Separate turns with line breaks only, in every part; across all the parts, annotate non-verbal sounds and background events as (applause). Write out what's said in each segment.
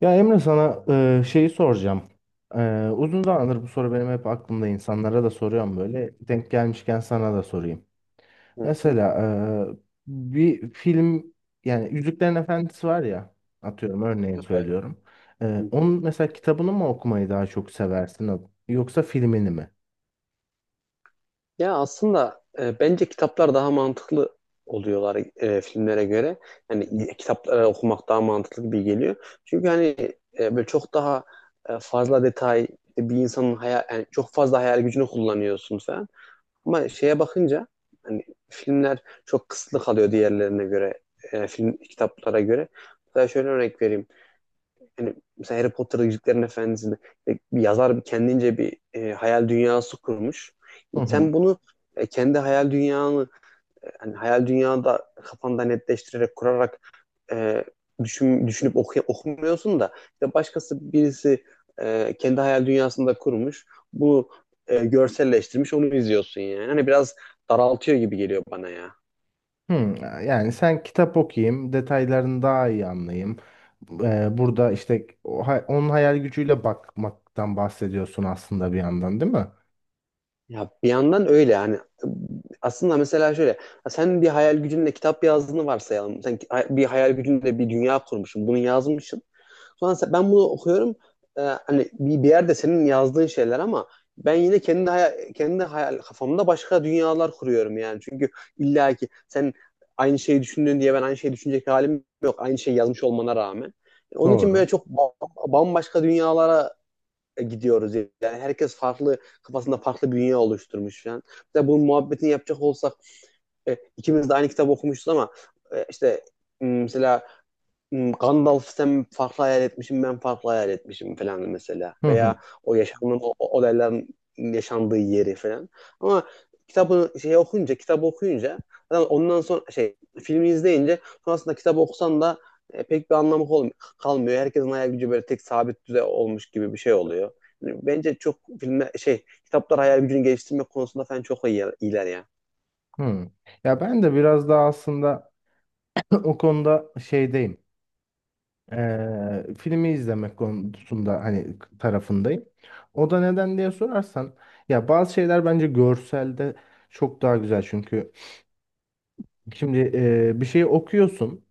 Ya Emre sana şeyi soracağım. Uzun zamandır bu soru benim hep aklımda, insanlara da soruyorum böyle. Denk gelmişken sana da sorayım.
Hı hı.
Mesela bir film, yani Yüzüklerin Efendisi var ya, atıyorum örneğin söylüyorum.
Hı hı.
Onun mesela kitabını mı okumayı daha çok seversin yoksa filmini mi?
Ya aslında bence kitaplar daha mantıklı oluyorlar filmlere göre.
Yani.
Yani kitapları okumak daha mantıklı gibi geliyor. Çünkü hani böyle çok daha fazla detay işte bir insanın hayal yani çok fazla hayal gücünü kullanıyorsun falan. Ama şeye bakınca hani filmler çok kısıtlı kalıyor diğerlerine göre. Film kitaplara göre. Mesela şöyle örnek vereyim. Hani mesela Harry Potter Yüzüklerin Efendisi'nde bir yazar kendince bir hayal dünyası kurmuş.
Hı hı.
Sen bunu kendi hayal dünyanı hani hayal dünyada kafanda netleştirerek kurarak e, düşün, okumuyorsun da işte başkası birisi kendi hayal dünyasında kurmuş. Bunu görselleştirmiş onu izliyorsun yani. Hani biraz daraltıyor gibi geliyor bana ya.
Hmm, yani sen kitap okuyayım, detaylarını daha iyi anlayayım. Burada işte onun hayal gücüyle bakmaktan bahsediyorsun aslında bir yandan, değil mi?
Ya bir yandan öyle yani. Aslında mesela şöyle, sen bir hayal gücünle kitap yazdığını varsayalım. Bir hayal gücünle bir dünya kurmuşsun, bunu yazmışsın. Sonra ben bunu okuyorum. Ee, Hani bir yerde senin yazdığın şeyler ama ben yine kendi hayal kafamda başka dünyalar kuruyorum yani. Çünkü illa ki sen aynı şeyi düşündün diye ben aynı şeyi düşünecek halim yok. Aynı şeyi yazmış olmana rağmen. Onun için
Doğru.
böyle çok bambaşka dünyalara gidiyoruz yani. Herkes farklı kafasında farklı bir dünya oluşturmuş falan. Mesela bunun muhabbetini yapacak olsak ikimiz de aynı kitap okumuşuz ama işte mesela Gandalf sen farklı hayal etmişim ben farklı hayal etmişim falan mesela.
Hı hı.
Veya o yaşamın o olayların yaşandığı yeri falan. Ama kitabı okuyunca zaten ondan sonra filmi izleyince sonrasında kitabı okusan da pek bir anlamı kalmıyor. Herkesin hayal gücü böyle tek sabit düzey olmuş gibi bir şey oluyor. Bence çok filme şey Kitaplar hayal gücünü geliştirmek konusunda falan çok iyiler ya.
Hı. Ya ben de biraz daha aslında (clears throat) o konuda şeydeyim. Filmi izlemek konusunda hani tarafındayım. O da neden diye sorarsan, ya bazı şeyler bence görselde çok daha güzel. Çünkü şimdi bir şeyi okuyorsun.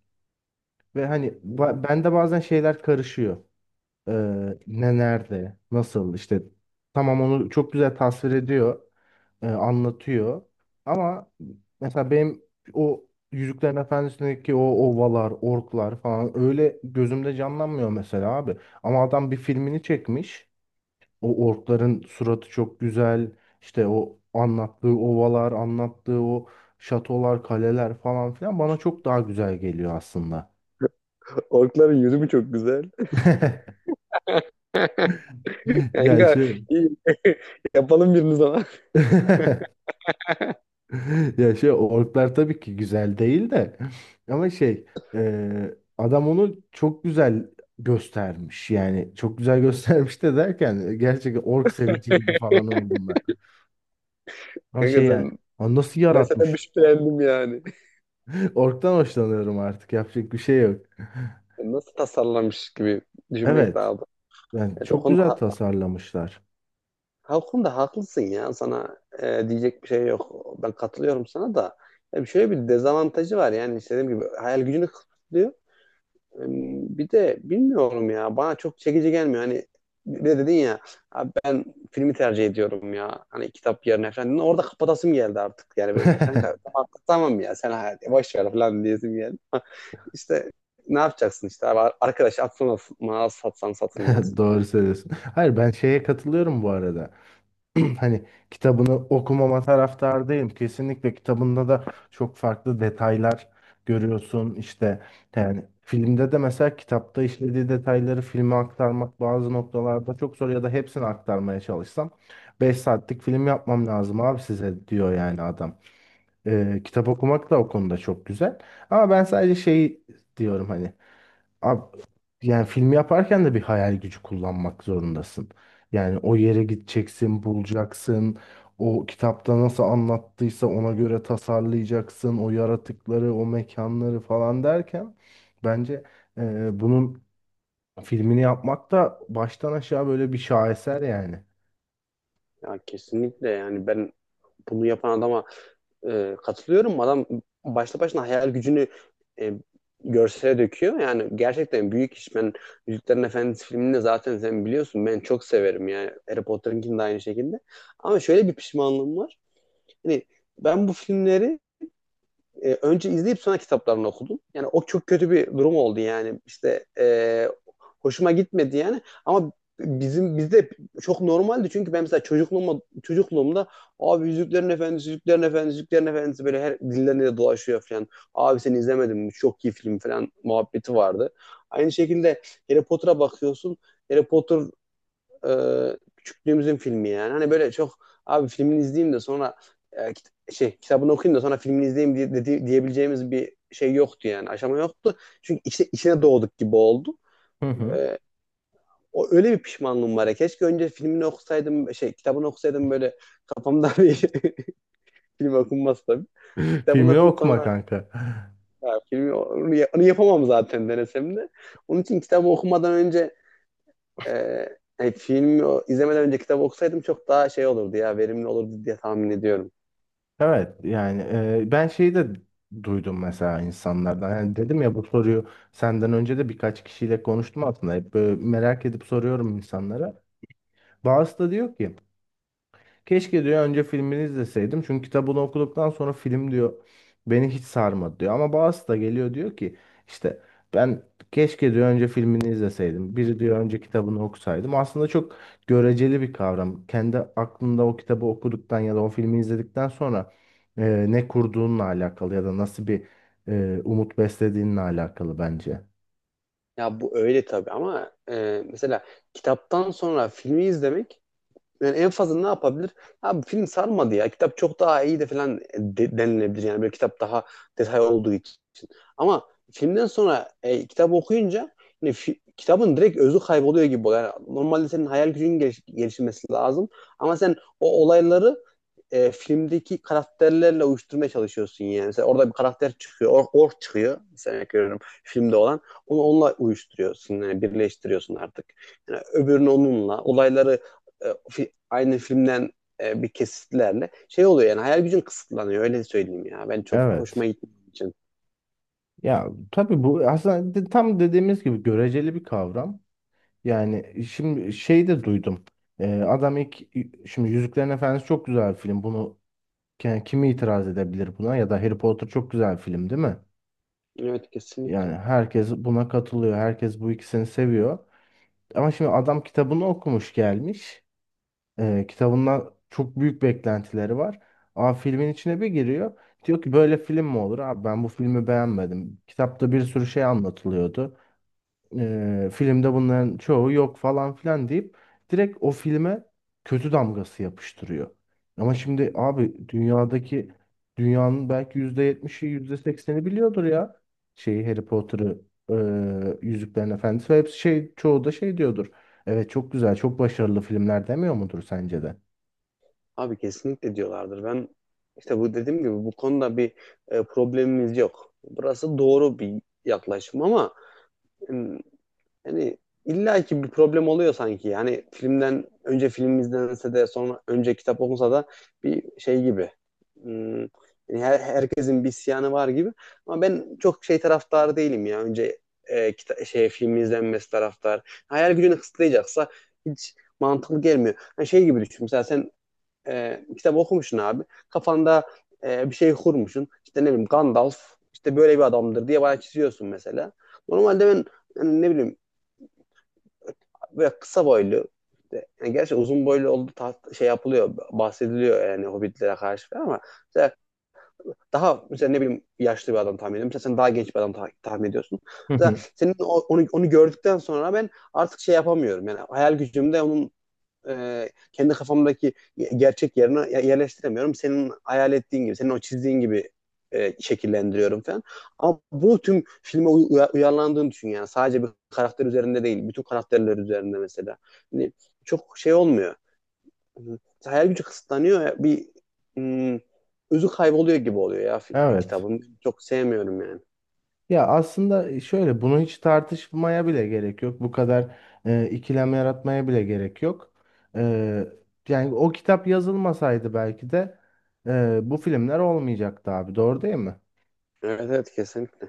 Ve hani
Hı hı.
bende bazen şeyler karışıyor. Ee, Ne nerede, nasıl, işte tamam, onu çok güzel tasvir ediyor, anlatıyor. Ama mesela benim o Yüzüklerin Efendisi'ndeki o ovalar, orklar falan öyle gözümde canlanmıyor mesela abi. Ama adam bir filmini çekmiş. O orkların suratı çok güzel. İşte o anlattığı ovalar, anlattığı o şatolar, kaleler falan filan bana çok daha güzel geliyor aslında.
Orkların yüzü mü çok güzel?
(laughs)
(laughs)
Ya
Kanka
şey.
iyi. (laughs) Yapalım birini zaman.
(laughs) Ya şey, orklar tabii ki güzel değil de, ama şey, adam onu çok güzel göstermiş, yani çok güzel (laughs) göstermiş de, derken gerçekten ork sevici gibi falan oldum ben. Ama
Kanka
şey, yani,
sen
"Aa, nasıl
ben senden bir
yaratmış?"
şüphelendim yani.
(laughs) Orktan hoşlanıyorum, artık yapacak bir şey yok.
Nasıl tasarlamış gibi düşünmek
Evet,
daha da.
yani
Evet, o
çok
konuda
güzel tasarlamışlar.
Halkunda haklısın ya sana diyecek bir şey yok. Ben katılıyorum sana da. Ya bir şöyle bir dezavantajı var yani işte dediğim gibi hayal gücünü kısıtlıyor. E, Bir de bilmiyorum ya bana çok çekici gelmiyor. Hani bir de dedin ya abi ben filmi tercih ediyorum ya. Hani kitap yerine falan. Orada kapatasım geldi artık. Yani böyle kanka
(laughs)
tamam ya sen hayal boş ver falan diyesim geldi. (laughs) İşte ne yapacaksın işte abi arkadaş atsan atılmaz satsan satılmaz.
Doğru söylüyorsun. Hayır, ben şeye katılıyorum bu arada. (clears throat) Hani kitabını okumama taraftardayım. Kesinlikle kitabında da çok farklı detaylar görüyorsun. İşte, yani filmde de mesela kitapta işlediği detayları filme aktarmak bazı noktalarda çok zor, ya da hepsini aktarmaya çalışsam 5 saatlik film yapmam lazım abi, size diyor yani adam. Kitap okumak da o konuda çok güzel. Ama ben sadece şey diyorum hani, Ab yani film yaparken de bir hayal gücü kullanmak zorundasın. Yani o yere gideceksin, bulacaksın. O kitapta nasıl anlattıysa ona göre tasarlayacaksın. O yaratıkları, o mekanları falan derken bence bunun filmini yapmak da baştan aşağı böyle bir şaheser yani.
Ya kesinlikle yani ben bunu yapan adama katılıyorum. Adam başta başına hayal gücünü e, görsele döküyor. Yani gerçekten büyük iş. Ben Yüzüklerin Efendisi filmini zaten sen biliyorsun. Ben çok severim yani. Harry Potter'ınkini de aynı şekilde. Ama şöyle bir pişmanlığım var. Hani ben bu filmleri önce izleyip sonra kitaplarını okudum. Yani o çok kötü bir durum oldu yani. İşte hoşuma gitmedi yani. Ama bizde çok normaldi çünkü ben mesela çocukluğumda abi Yüzüklerin Efendisi, Yüzüklerin Efendisi, Yüzüklerin Efendisi böyle her dillerinde de dolaşıyor falan. Abi sen izlemedin mi? Çok iyi film falan muhabbeti vardı. Aynı şekilde Harry Potter'a bakıyorsun. Harry Potter e, küçüklüğümüzün filmi yani. Hani böyle çok abi filmini izleyeyim de sonra kitabını okuyayım da sonra filmini izleyeyim diye, diyebileceğimiz bir şey yoktu yani. Aşama yoktu. Çünkü içine doğduk gibi oldu.
Hı hı.
E, O öyle bir pişmanlığım var ya. Keşke önce filmini okusaydım şey kitabını okusaydım böyle kafamda bir (laughs) film okunmaz tabii.
(laughs)
Kitabını
Filmini
okuyup
okuma
sonra
kanka.
ya, filmi onu yapamam zaten denesem de. Onun için kitabı okumadan önce Ee, hani filmi izlemeden önce kitap okusaydım çok daha şey olurdu ya verimli olurdu diye tahmin ediyorum.
Evet, yani ben şeyi de duydum mesela insanlardan. Yani dedim ya, bu soruyu senden önce de birkaç kişiyle konuştum aslında. Hep böyle merak edip soruyorum insanlara. Bazısı da diyor ki keşke diyor önce filmini izleseydim. Çünkü kitabını okuduktan sonra film diyor beni hiç sarmadı diyor. Ama bazısı da geliyor diyor ki işte ben keşke diyor önce filmini izleseydim. Biri diyor önce kitabını okusaydım. Aslında çok göreceli bir kavram. Kendi aklında o kitabı okuduktan ya da o filmi izledikten sonra ne kurduğunla alakalı, ya da nasıl bir umut beslediğinle alakalı bence.
Ya bu öyle tabii ama mesela kitaptan sonra filmi izlemek yani en fazla ne yapabilir? Abi film sarmadı ya kitap çok daha iyi de falan denilebilir yani böyle kitap daha detay olduğu için. Ama filmden sonra kitap okuyunca hani kitabın direkt özü kayboluyor gibi oluyor. Yani normalde senin hayal gücünün gelişmesi lazım ama sen o olayları filmdeki karakterlerle uyuşturmaya çalışıyorsun yani. Mesela orada bir karakter çıkıyor, ork çıkıyor. Mesela görüyorum filmde olan. Onu onunla uyuşturuyorsun yani birleştiriyorsun artık. Yani öbürünü onunla, olayları aynı filmden bir kesitlerle şey oluyor yani hayal gücün kısıtlanıyor öyle söyleyeyim ya. Ben çok
Evet.
hoşuma gitmediği için.
Ya tabii bu aslında tam dediğimiz gibi göreceli bir kavram. Yani şimdi şey de duydum. Adam ilk, şimdi Yüzüklerin Efendisi çok güzel bir film. Bunu, yani kimi itiraz edebilir buna? Ya da Harry Potter çok güzel bir film değil mi?
Evet
Yani
kesinlikle.
herkes buna katılıyor. Herkes bu ikisini seviyor. Ama şimdi adam kitabını okumuş gelmiş. Kitabından çok büyük beklentileri var. Ama filmin içine bir giriyor. Diyor ki böyle film mi olur? Abi, ben bu filmi beğenmedim. Kitapta bir sürü şey anlatılıyordu. Filmde bunların çoğu yok falan filan deyip direkt o filme kötü damgası yapıştırıyor. Ama şimdi abi dünyadaki, dünyanın belki %70'i, yüzde sekseni biliyordur ya şeyi, Harry Potter'ı, Yüzüklerin Efendisi, ve hepsi şey, çoğu da şey diyordur. Evet, çok güzel, çok başarılı filmler demiyor mudur sence de?
Abi kesinlikle diyorlardır. Ben işte bu dediğim gibi bu konuda bir problemimiz yok. Burası doğru bir yaklaşım ama hmm, yani illa ki bir problem oluyor sanki. Yani filmden önce film izlense de sonra önce kitap okunsa da bir şey gibi. Yani herkesin bir isyanı var gibi. Ama ben çok şey taraftarı değilim ya. Önce film izlenmesi taraftar. Hayal gücünü kısıtlayacaksa hiç mantıklı gelmiyor. Yani şey gibi düşün. Mesela sen kitap okumuşsun abi. Kafanda bir şey kurmuşsun. İşte ne bileyim Gandalf işte böyle bir adamdır diye bana çiziyorsun mesela. Normalde ben yani ne bileyim böyle kısa boylu. Yani gerçi uzun boylu olduğu yapılıyor, bahsediliyor yani Hobbitlere karşı falan ama mesela daha mesela ne bileyim yaşlı bir adam tahmin ediyorum. Mesela sen daha genç bir adam tahmin ediyorsun.
Hı
Mesela
hı.
senin onu gördükten sonra ben artık şey yapamıyorum. Yani hayal gücümde onun kendi kafamdaki gerçek yerine yerleştiremiyorum. Senin hayal ettiğin gibi, senin o çizdiğin gibi şekillendiriyorum falan. Ama bunu tüm filme uyarlandığını düşün yani. Sadece bir karakter üzerinde değil, bütün karakterler üzerinde mesela. Hani çok şey olmuyor. Hayal gücü kısıtlanıyor. Bir hmm, özü kayboluyor gibi oluyor ya
Evet.
kitabın. Çok sevmiyorum yani.
Ya aslında şöyle, bunu hiç tartışmaya bile gerek yok. Bu kadar ikilem yaratmaya bile gerek yok. E, Yani o kitap yazılmasaydı belki de bu filmler olmayacaktı abi. Doğru değil mi?
Evet evet kesinlikle.